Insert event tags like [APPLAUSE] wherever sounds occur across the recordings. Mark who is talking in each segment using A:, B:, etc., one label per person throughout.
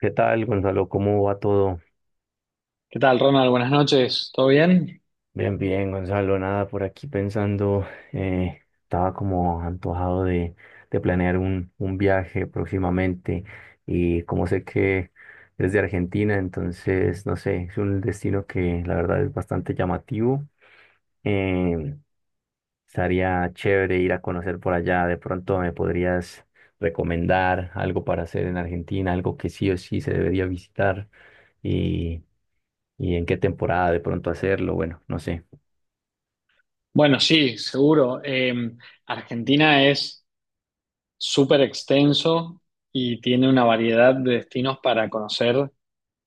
A: ¿Qué tal, Gonzalo? ¿Cómo va todo?
B: ¿Qué tal, Ronald? Buenas noches. ¿Todo bien?
A: Bien, bien, Gonzalo. Nada, por aquí pensando, estaba como antojado de planear un viaje próximamente y como sé que eres de Argentina, entonces, no sé, es un destino que la verdad es bastante llamativo. Eh, Estaría chévere ir a conocer por allá. De pronto me podrías recomendar algo para hacer en Argentina, algo que sí o sí se debería visitar y, y en qué temporada de pronto hacerlo. Bueno, no sé.
B: Bueno, sí, seguro. Argentina es súper extenso y tiene una variedad de destinos para conocer.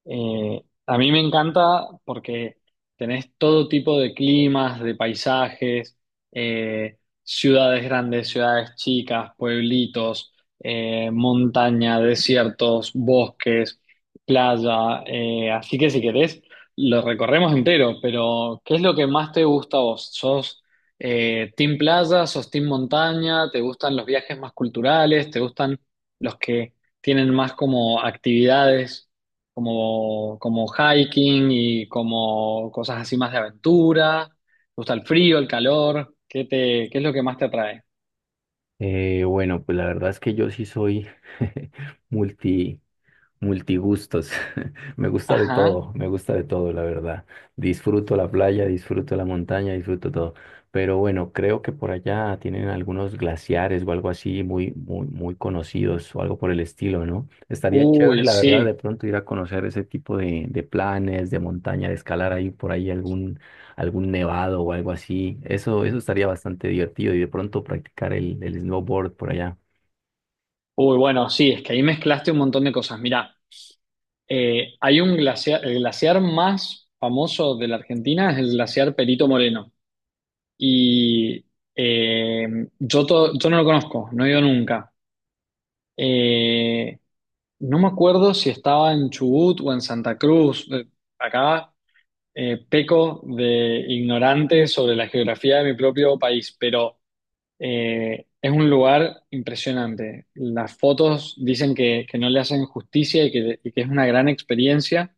B: A mí me encanta porque tenés todo tipo de climas, de paisajes, ciudades grandes, ciudades chicas, pueblitos, montaña, desiertos, bosques, playa. Así que si querés, lo recorremos entero, pero ¿qué es lo que más te gusta a vos? ¿Sos team playa, sos team montaña? ¿Te gustan los viajes más culturales? ¿Te gustan los que tienen más como actividades? Como hiking y como cosas así más de aventura. ¿Te gusta el frío, el calor? Qué es lo que más te atrae?
A: Bueno, pues la verdad es que yo sí soy [LAUGHS] multi. multigustos. [LAUGHS] Me gusta de
B: Ajá.
A: todo, me gusta de todo, la verdad. Disfruto la playa, disfruto la montaña, disfruto todo. Pero bueno, creo que por allá tienen algunos glaciares o algo así muy, muy, muy conocidos o algo por el estilo, ¿no? Estaría chévere,
B: Uy,
A: la verdad, de
B: sí.
A: pronto ir a conocer ese tipo de planes, de montaña, de escalar ahí por ahí algún nevado o algo así. Eso estaría bastante divertido y de pronto practicar el snowboard por allá.
B: Uy, bueno, sí, es que ahí mezclaste un montón de cosas. Mirá, hay un glaciar, el glaciar más famoso de la Argentina es el glaciar Perito Moreno. Y eh, yo no lo conozco, no he ido nunca. Eh, no me acuerdo si estaba en Chubut o en Santa Cruz. Acá peco de ignorante sobre la geografía de mi propio país, pero es un lugar impresionante. Las fotos dicen que no le hacen justicia y y que es una gran experiencia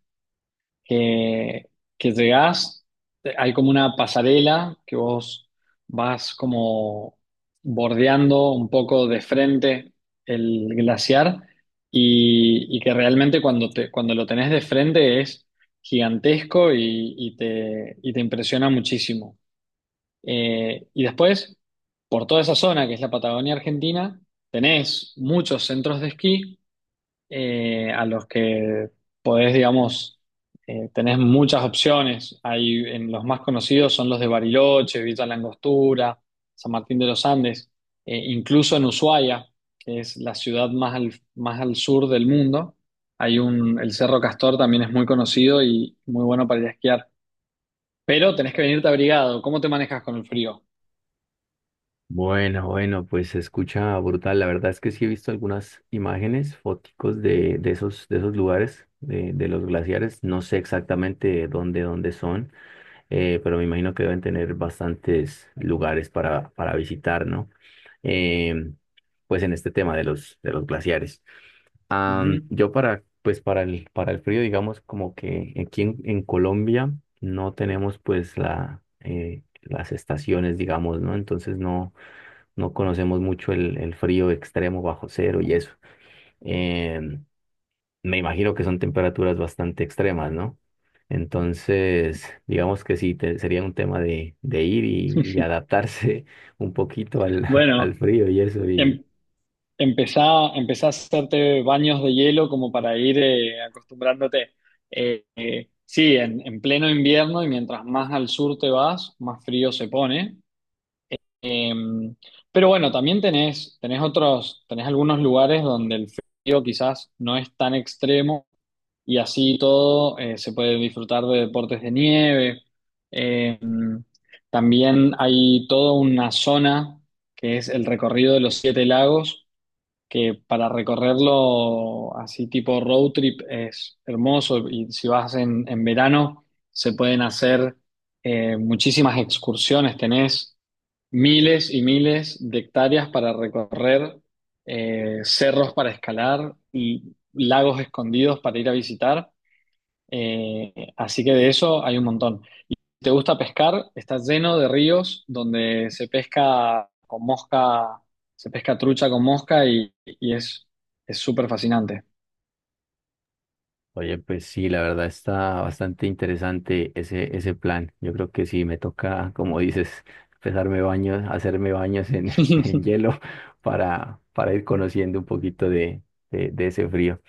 B: que, que llegás, hay como una pasarela que vos vas como bordeando un poco de frente el glaciar y que realmente cuando lo tenés de frente es gigantesco y y te impresiona muchísimo. Y después, por toda esa zona que es la Patagonia Argentina, tenés muchos centros de esquí a los que podés, digamos, tenés muchas opciones. En los más conocidos son los de Bariloche, Villa La Angostura, San Martín de los Andes, incluso en Ushuaia, que es la ciudad más al sur del mundo. El Cerro Castor también es muy conocido y muy bueno para ir a esquiar. Pero tenés que venirte abrigado. ¿Cómo te manejas con el frío?
A: Bueno, bueno, pues se escucha brutal. La verdad es que sí he visto algunas imágenes, foticos de esos lugares, de los glaciares. No sé exactamente dónde, dónde son, pero me imagino que deben tener bastantes lugares para visitar, ¿no? Eh, pues en este tema de los glaciares.
B: Ujú.
A: Yo para, pues para el frío, digamos, como que aquí en Colombia no tenemos pues la, las estaciones, digamos, ¿no? Entonces no conocemos mucho el frío extremo bajo cero y eso. Em, Me imagino que son temperaturas bastante extremas, ¿no? Entonces, digamos que sí, sería un tema de ir y adaptarse [LAUGHS] un poquito al,
B: Bueno,
A: al frío y eso. Y,
B: em- empezá, empezá a hacerte baños de hielo como para ir acostumbrándote. Sí, en pleno invierno, y mientras más al sur te vas, más frío se pone. Eh, pero bueno, también tenés algunos lugares donde el frío quizás no es tan extremo y así todo se puede disfrutar de deportes de nieve. Eh, También hay toda una zona que es el recorrido de los siete lagos, que para recorrerlo así tipo road trip es hermoso, y si vas en verano se pueden hacer muchísimas excursiones, tenés miles y miles de hectáreas para recorrer, cerros para escalar y lagos escondidos para ir a visitar. Así que de eso hay un montón. Te gusta pescar, está lleno de ríos donde se pesca con mosca, se pesca trucha con mosca, y es súper fascinante.
A: oye, pues sí, la verdad está bastante interesante ese, ese plan. Yo creo que sí, me toca, como dices, [LAUGHS] empezarme baños, hacerme baños en, [LAUGHS] en
B: [LAUGHS]
A: hielo para ir conociendo un poquito de, de ese frío.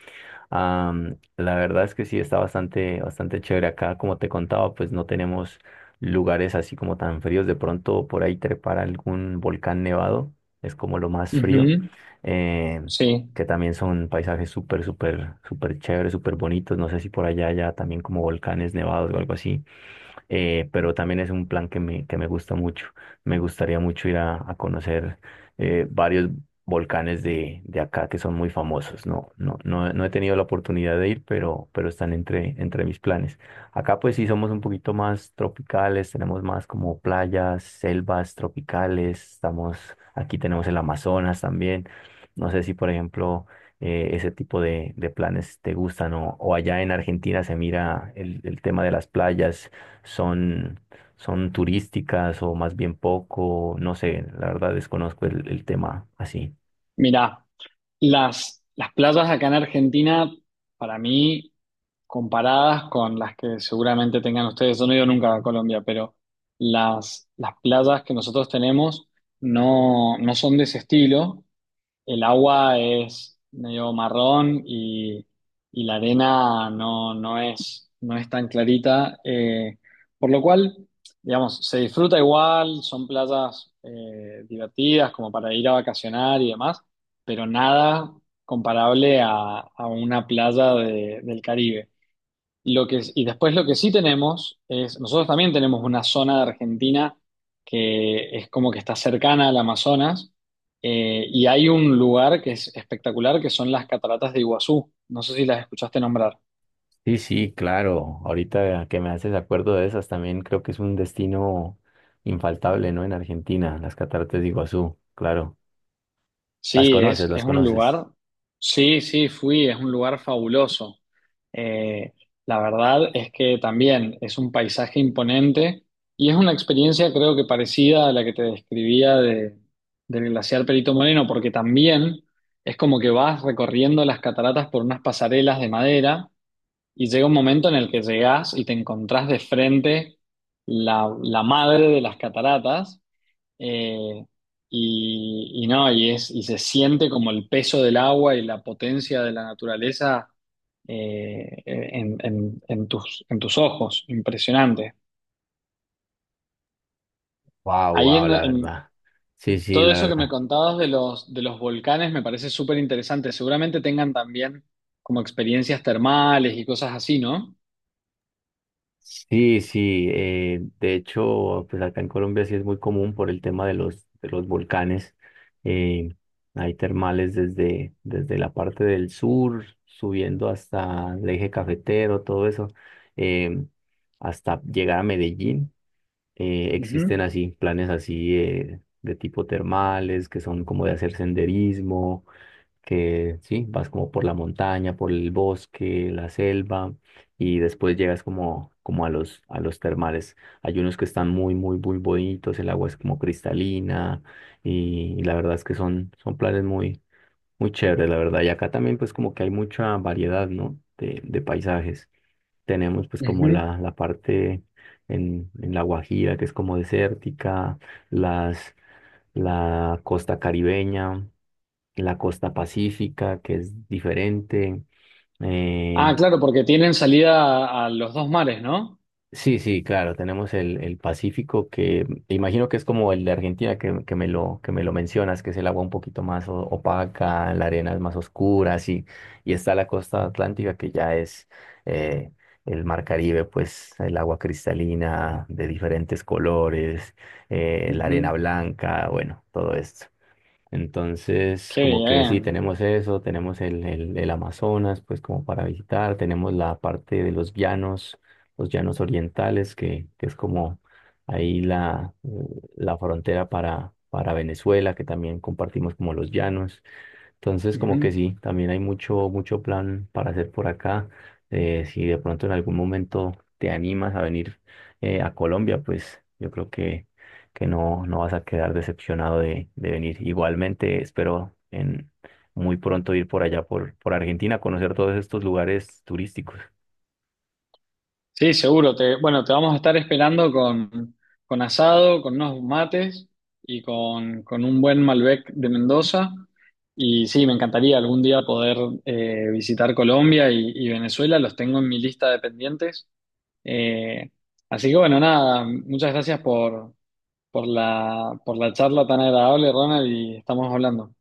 A: La verdad es que sí está bastante, bastante chévere acá. Como te contaba, pues no tenemos lugares así como tan fríos. De pronto por ahí trepar a algún volcán nevado es como lo más frío.
B: Ujú.
A: eh,
B: Sí,
A: que también son paisajes súper, súper, súper chéveres, súper bonitos. No sé si por allá ya también como volcanes nevados o algo así, pero también es un plan que me gusta mucho. Me gustaría mucho ir a conocer varios volcanes de acá que son muy famosos. No he tenido la oportunidad de ir, pero están entre, entre mis planes. Acá pues sí somos un poquito más tropicales, tenemos más como playas, selvas tropicales, aquí tenemos el Amazonas también. No sé si por ejemplo ese tipo de planes te gustan o allá en Argentina se mira el tema de las playas son, son turísticas o más bien poco, no sé, la verdad desconozco el tema así.
B: mira, las playas acá en Argentina, para mí, comparadas con las que seguramente tengan ustedes, yo no he ido nunca a Colombia, pero las playas que nosotros tenemos no son de ese estilo, el agua es medio marrón, y la arena no es tan clarita. Por lo cual, digamos, se disfruta igual, son playas divertidas como para ir a vacacionar y demás, pero nada comparable a una playa del Caribe. Y después lo que sí tenemos es, nosotros también tenemos una zona de Argentina que es como que está cercana al Amazonas, y hay un lugar que es espectacular, que son las cataratas de Iguazú. No sé si las escuchaste nombrar.
A: Sí, sí, claro. Ahorita que me haces acuerdo de esas, también creo que es un destino infaltable, ¿no? En Argentina, las cataratas de Iguazú, claro. Las
B: Sí,
A: conoces, las
B: es un
A: conoces.
B: lugar, sí, sí, fui, es un lugar fabuloso. Eh, la verdad es que también es un paisaje imponente, y es una experiencia creo que parecida a la que te describía del glaciar Perito Moreno, porque también es como que vas recorriendo las cataratas por unas pasarelas de madera, y llega un momento en el que llegás y te encontrás de frente la madre de las cataratas. Eh, y, y no, y, es, y se siente como el peso del agua y la potencia de la naturaleza en tus ojos, impresionante.
A: Wow,
B: Ahí
A: wow, la
B: en
A: verdad. Sí, sí,
B: todo
A: la
B: eso que me
A: verdad.
B: contabas de los volcanes me parece súper interesante. Seguramente tengan también como experiencias termales y cosas así, ¿no?
A: Sí, sí, de hecho, pues acá en Colombia sí es muy común por el tema de los volcanes. eh, Hay termales desde, desde la parte del sur, subiendo hasta el eje cafetero, todo eso, eh, hasta llegar a Medellín.
B: Ujú,
A: Existen así planes así de tipo termales, que son como de hacer senderismo que sí, vas como por la montaña, por el bosque, la selva y después llegas como, como a los termales. Hay unos que están muy, muy, muy bonitos, el agua es como cristalina y la verdad es que son, son planes muy, muy chéveres, la verdad. Y acá también pues como que hay mucha variedad, ¿no? De paisajes. Tenemos pues como
B: ujú.
A: la parte en La Guajira que es como desértica, las, la costa caribeña, la costa pacífica, que es diferente.
B: Ah,
A: Eh,
B: claro, porque tienen salida a los dos mares, ¿no?
A: sí, sí, claro, tenemos el Pacífico, que imagino que es como el de Argentina, que me lo mencionas, que es el agua un poquito más opaca, la arena es más oscura, sí. Y está la costa atlántica, que ya es eh, el mar Caribe, pues el agua cristalina de diferentes colores, la arena
B: Ujú.
A: blanca, bueno, todo esto. Entonces,
B: Qué
A: como que sí,
B: bien.
A: tenemos eso, tenemos el Amazonas, pues como para visitar, tenemos la parte de los llanos orientales, que es como ahí la, la frontera para Venezuela, que también compartimos como los llanos. Entonces, como
B: Ujú.
A: que sí, también hay mucho, mucho plan para hacer por acá. Si de pronto en algún momento te animas a venir a Colombia, pues yo creo que no, no vas a quedar decepcionado de venir. Igualmente, espero en muy pronto ir por allá, por Argentina, a conocer todos estos lugares turísticos.
B: Sí, seguro. Bueno, te vamos a estar esperando con asado, con unos mates y con un buen Malbec de Mendoza. Y sí, me encantaría algún día poder visitar Colombia y Venezuela. Los tengo en mi lista de pendientes. Eh, Así que bueno, nada, muchas gracias por la charla tan agradable, Ronald, y estamos hablando.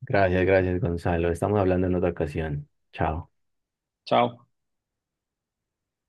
A: Gracias, gracias, Gonzalo. Estamos hablando en otra ocasión. Chao.
B: Chao.